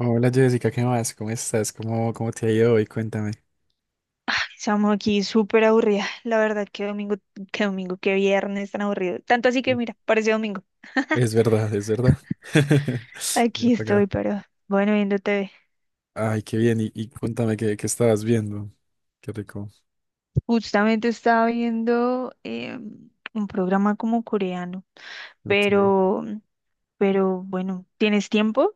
Hola Jessica, ¿qué más? ¿Cómo estás? ¿Cómo te ha ido hoy? Cuéntame. Estamos aquí súper aburrida. La verdad, qué domingo, qué domingo, qué viernes tan aburrido. Tanto así que mira, parece domingo. Es verdad, es verdad. Voy Aquí apagada. estoy, pero bueno, viendo TV. Ay, qué bien. Y cuéntame qué estabas viendo. Qué rico. Justamente estaba viendo un programa como coreano, Ok. pero, pero bueno, ¿tienes tiempo?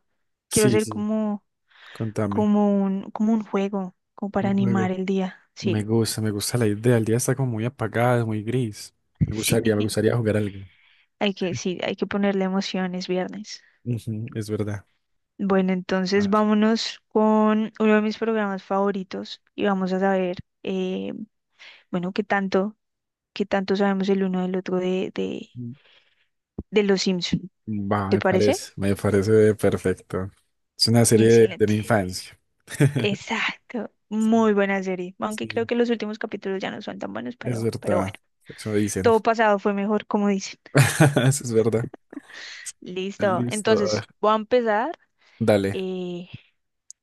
Quiero Sí, hacer sí, como, cuéntame. como un juego, como para Un animar juego. el día. Sí, Me gusta la idea. El día está como muy apagado, muy gris. Sí. Me gustaría jugar algo. Hay que, sí, hay que ponerle emociones viernes. Ujú, es verdad. Bueno, A entonces ver. vámonos con uno de mis programas favoritos y vamos a saber, eh, bueno, qué tanto sabemos el uno del otro de, de, Mm, de Los Simpson. va, ¿Te parece? Me parece perfecto. Es una serie de Excelente. mi infancia. Exacto. Sí, Muy buena serie. Aunque creo sí. que los últimos capítulos ya no son tan buenos, Es pero bueno. verdad, eso dicen. Todo pasado fue mejor, como dicen. Eso es verdad. Listo. Listo, a ver. Entonces, voy a empezar Dale, eh,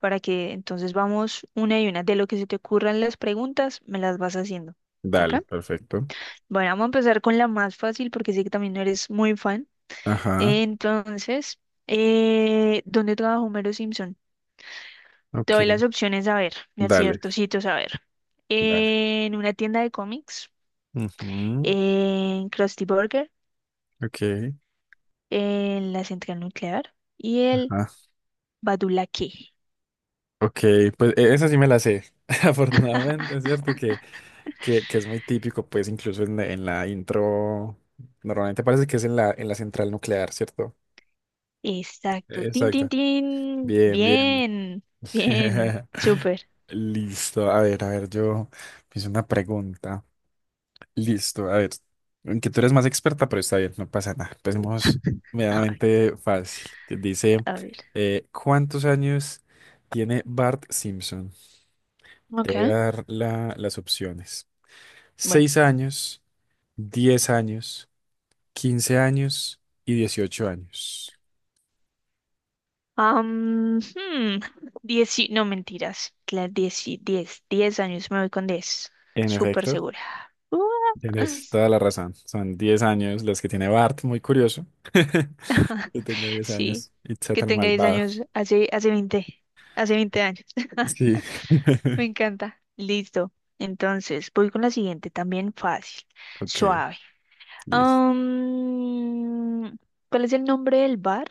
para que entonces vamos una y una. De lo que se te ocurran las preguntas, me las vas haciendo. ¿Ok? dale, perfecto. Bueno, vamos a empezar con la más fácil porque sé que también no eres muy fan. Ajá, Entonces, ¿dónde trabaja Homero Simpson? Te doy ok. las opciones a ver, de Dale, ciertos sitios a ver. dale. En una tienda de cómics, Ujú, en Krusty Burger, ok, en la central nuclear y el ajá. Badulaque. Ok, pues esa sí me la sé. Afortunadamente, es cierto que, que es muy típico, pues incluso en, en la intro, normalmente parece que es en la central nuclear, ¿cierto? Exacto. Tin, tin, Exacto. tin. Bien, bien. Bien, bien. Súper. Listo. A ver, yo hice una pregunta. Listo, a ver, aunque tú eres más experta, pero está bien, no pasa nada. Empecemos medianamente fácil, que dice, A ver. ¿Cuántos años tiene Bart Simpson? Te Ok. voy a dar las opciones. Bueno. ¿6 años, 10 años, 15 años y 18 años? Am, hmm, no mentiras, 10, 10 años, me voy con 10, En súper efecto, segura. Ua. tienes toda la razón. Son 10 años los que tiene Bart, muy curioso. Que tenga diez Sí, años y sea que tan tenga diez malvado. años, hace, hace 20, hace 20 años, Sí. me encanta. Listo, entonces voy con la siguiente, también fácil, Ok, suave. listo. Am, ¿Cuál es el nombre del bar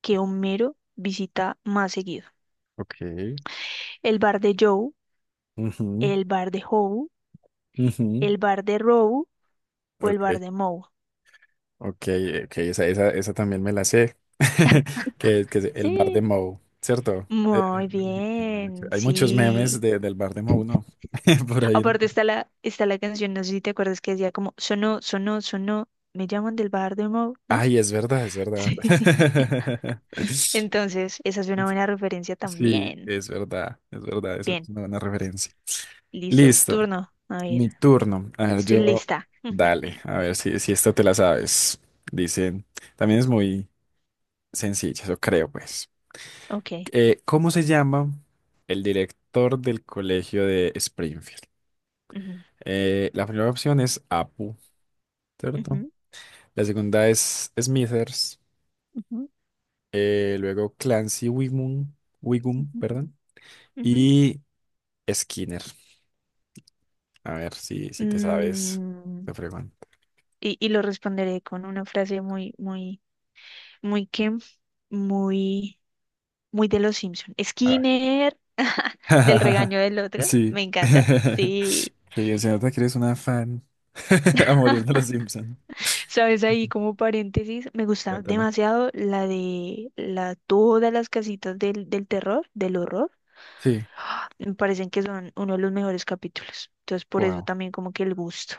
que Homero visita más seguido? Ok, ¿El bar de Joe, ujú, el bar de Hobo, ujú. el bar de Row o el bar Ok, de Moe? ok, ok, esa también me la sé. Que es el bar de Sí, Moe, ¿cierto? Muy Que me han bien, hay muchos memes sí. Del bar de Moe, ¿no? Por ahí, ¿no? Aparte está la canción, no sé si te acuerdas que decía como sonó, sonó, sonó, me llaman del bar de Mo, ¿no? Ay, es verdad, es verdad. Sí. Entonces, esa es una buena referencia Sí, también. es verdad, es verdad, es Bien, una buena referencia. listo, Listo, turno. A ver, mi turno. A ver, estoy lista. dale, a ver si, si esta te la sabes. Dicen, también es muy sencilla, eso creo, pues. Ok. ¿Cómo se llama el director del colegio de Springfield? Ujú, La primera opción es Apu, ¿cierto? ujú, La segunda es Smithers, ujú, luego Clancy Wigum, Wigum, ujú, perdón, ujú. y Skinner. A ver si, si te sabes, Mm, te pregunto. y lo responderé con una frase muy, muy, muy que, muy, muy de los Simpson. A ver. Skinner. Del regaño del otro. Sí. Me encanta. Sí. Qué bien, se nota que eres una fan a morir de los Simpson. ¿Sabes? Ahí como paréntesis, me gusta Cuéntame. demasiado la de la, todas las casitas del, del terror, del horror. Sí. ¡Ah! Me parecen que son uno de los mejores capítulos. Entonces, por eso también como que el gusto.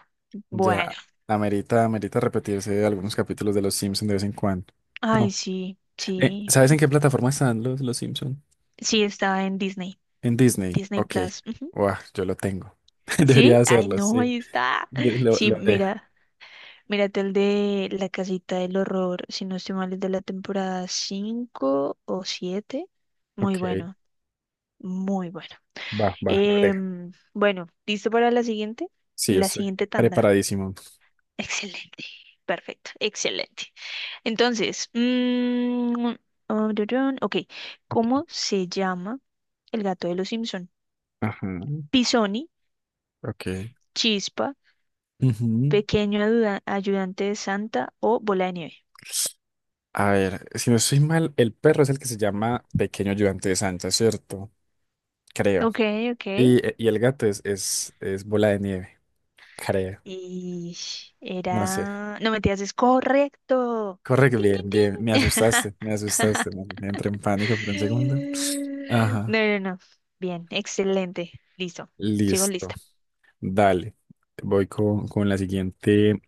Bueno. Ya, amerita, amerita repetirse algunos capítulos de Los Simpsons de vez en cuando. Ay, No. sí, sí. ¿Sabes en qué plataforma están los Simpsons? Sí, está en Disney. En Disney. Disney Ok. Plus. Ujú. Buah, yo lo tengo. Sí, Debería ay, hacerlo, no, sí. ahí está. Sí, Lo haré. mira. Mírate el de La Casita del Horror, si no estoy mal, es de la temporada 5 o 7. Muy Ok. bueno, muy bueno. Va, va, lo haré. Bueno, ¿listo para la siguiente? Sí, La estoy siguiente tanda. preparadísimo. Excelente, perfecto, excelente. Entonces, oh, durun, ok, ¿cómo se llama el gato de los Simpson? Ajá. Pisoni, Ok. Chispa, Ujú. Ayudante de Santa o Bola de Nieve. A ver, si no estoy mal, el perro es el que se llama Pequeño Ayudante de Santa, ¿cierto? Creo. Ok, ok. Y el gato es Bola de Nieve, creo. Y No sé. era... No, mentiras, es correcto. Correcto, Tin, tin, bien, bien. tin. Me asustaste, me asustaste, man. Entré en pánico por un segundo. No, Ajá, no, no. Bien, excelente. Listo. Sigo listo. lista. Dale. Voy con la siguiente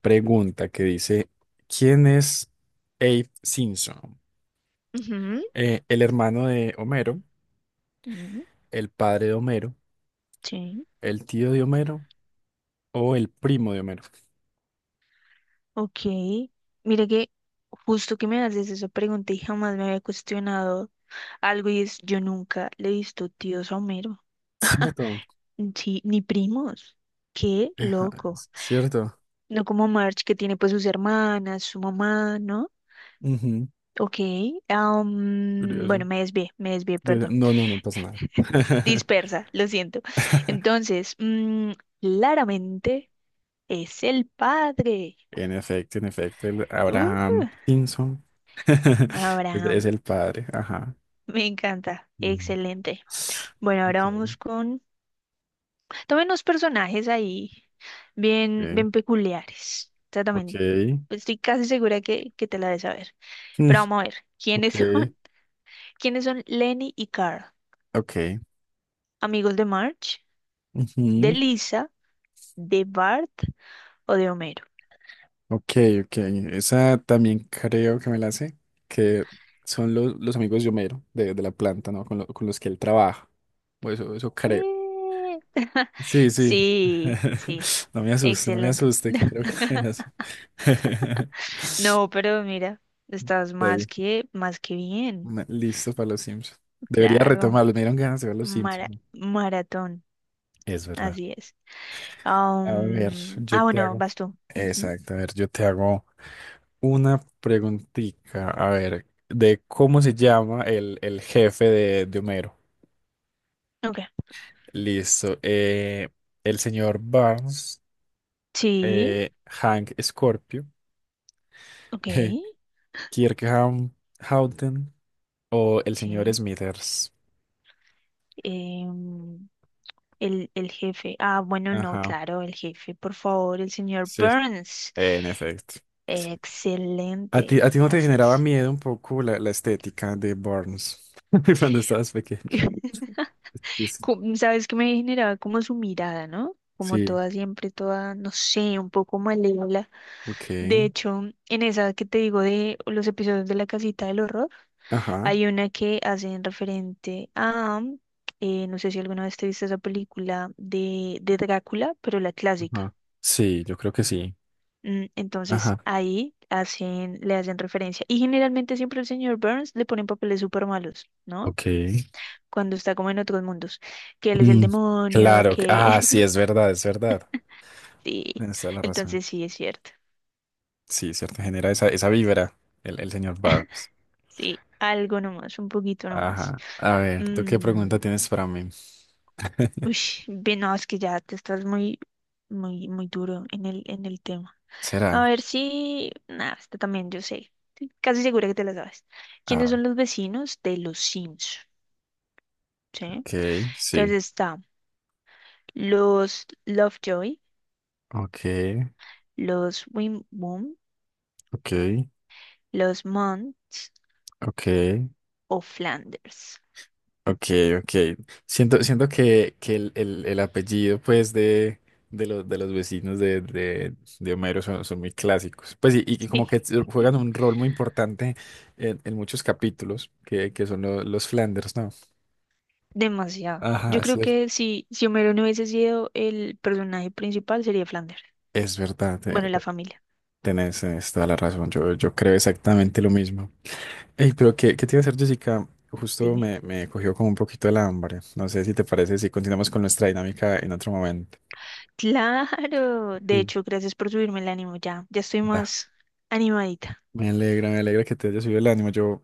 pregunta que dice, ¿quién es Abe Simpson? Ujú, ¿El hermano de Homero, ujú. el padre de Homero, Sí. el tío de Homero o el primo de Homero? Ok. Mire que justo que me haces esa pregunta y jamás me había cuestionado algo y es, yo nunca le he visto tíos a Homero. Cierto, Sí, ni primos. Qué ajá, loco. es cierto. No como Marge que tiene pues sus hermanas, su mamá, ¿no? Ujú, Ok, bueno, curioso. me desvié, perdón. No, no, no pasa nada. Dispersa, lo siento. Entonces, claramente es el padre. En efecto, el Uh, Abraham Simpson es Abraham, el padre, ajá. me encanta, Mm. excelente. Bueno, ahora Ok. vamos con... También unos personajes ahí bien, bien peculiares. O sea, Ok, ok, también estoy casi segura que te la debes saber. mm, Pero vamos a ver, ok, ¿quiénes son? ¿Quiénes son Lenny y Carl? ok, ¿Amigos de Marge? ¿De ujú, Lisa? ¿De Bart o de Homero? ok, ok. Esa también creo que me la sé, que son los amigos de Homero, de la planta, ¿no? Con, con los que él trabaja, o eso creo. Sí, Sí, sí. sí, sí, No me asuste, no me excelente. asuste, que creo que me la sé. No, pero mira, estás Está bien. Más que bien, Listo para los Simpsons. Debería claro, retomarlo. Me dieron ganas de ver los Simpsons. maratón, Es verdad. así es. A ver, yo te Bueno, hago. vas tú. Ujú. Exacto, a ver, yo te hago una preguntita. A ver, de cómo se llama el jefe de Homero. Ok, Listo. Eh, el señor Barnes, sí, Hank Scorpio, ok, Kirk Ham- Houghton o el señor sí. Smithers. em, el jefe, ah, bueno, no, Ajá, claro, el jefe, por favor, el señor sí, Burns. en efecto. Excelente, A ti no te así generaba es. miedo un poco la, la estética de Barnes cuando estabas pequeño? Que sí, sabes que me generaba como su mirada, ¿no? Como sí, toda siempre, toda, no sé, un poco malévola. De ok. hecho, en esa que te digo de los episodios de La Casita del Horror, Ajá, hay una que hacen referente a, no sé si alguna vez te viste esa película de Drácula, pero la clásica. ajá. Sí, yo creo que sí. Ajá. Entonces ahí hacen, le hacen referencia. Y generalmente siempre el señor Burns le ponen papeles súper malos, ¿no? Ok. Cuando está como en otros mundos, que él es el Mm, demonio, claro. Ah, que sí, es verdad, es verdad. sí, Tienes toda la razón. entonces sí es cierto. Sí, cierto, genera esa, esa vibra el señor Barnes. Sí, algo nomás, un poquito nomás. Ajá. A ver, ¿tú qué pregunta Mm, tienes para mí? uy, bien, no, es que ya te estás muy, muy, muy duro en el tema. ¿Será? A ver si, nada, esta también yo sé. Estoy casi segura que te la sabes. ¿Quiénes Ah, son los vecinos de los Sims? ¿Sí? ok, Entonces sí. está los Lovejoy, Ok, los Wimboom, ok, los Monts ok. o Flanders. Ok, ok. Siento, siento que el, el apellido, pues, de los vecinos de Homero son, son muy clásicos. Pues, y como que juegan un rol muy importante en muchos capítulos, que son los Flanders, ¿no? Demasiado. Ajá, Yo es, creo que si, si Homero no hubiese sido el personaje principal, sería Flanders. es verdad. Bueno, la familia, Tenés, tenés toda la razón. Yo creo exactamente lo mismo. Ey, pero ¿qué, qué te iba a hacer, Jessica? Justo dime. me, me cogió como un poquito el hambre. No sé si te parece si continuamos con nuestra dinámica en otro momento. Claro. De Sí. hecho, gracias por subirme el ánimo. Ya, ya estoy más animadita. Me alegra que te haya subido el ánimo. Yo,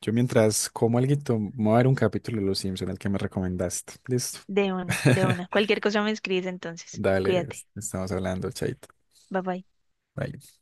yo mientras como alguito, me voy a ver un capítulo de Los Simpson, el que me recomendaste. Listo. De una, de una. Cualquier cosa me escribes entonces. Dale, Cuídate. estamos hablando, chaito. Bye bye. Bye.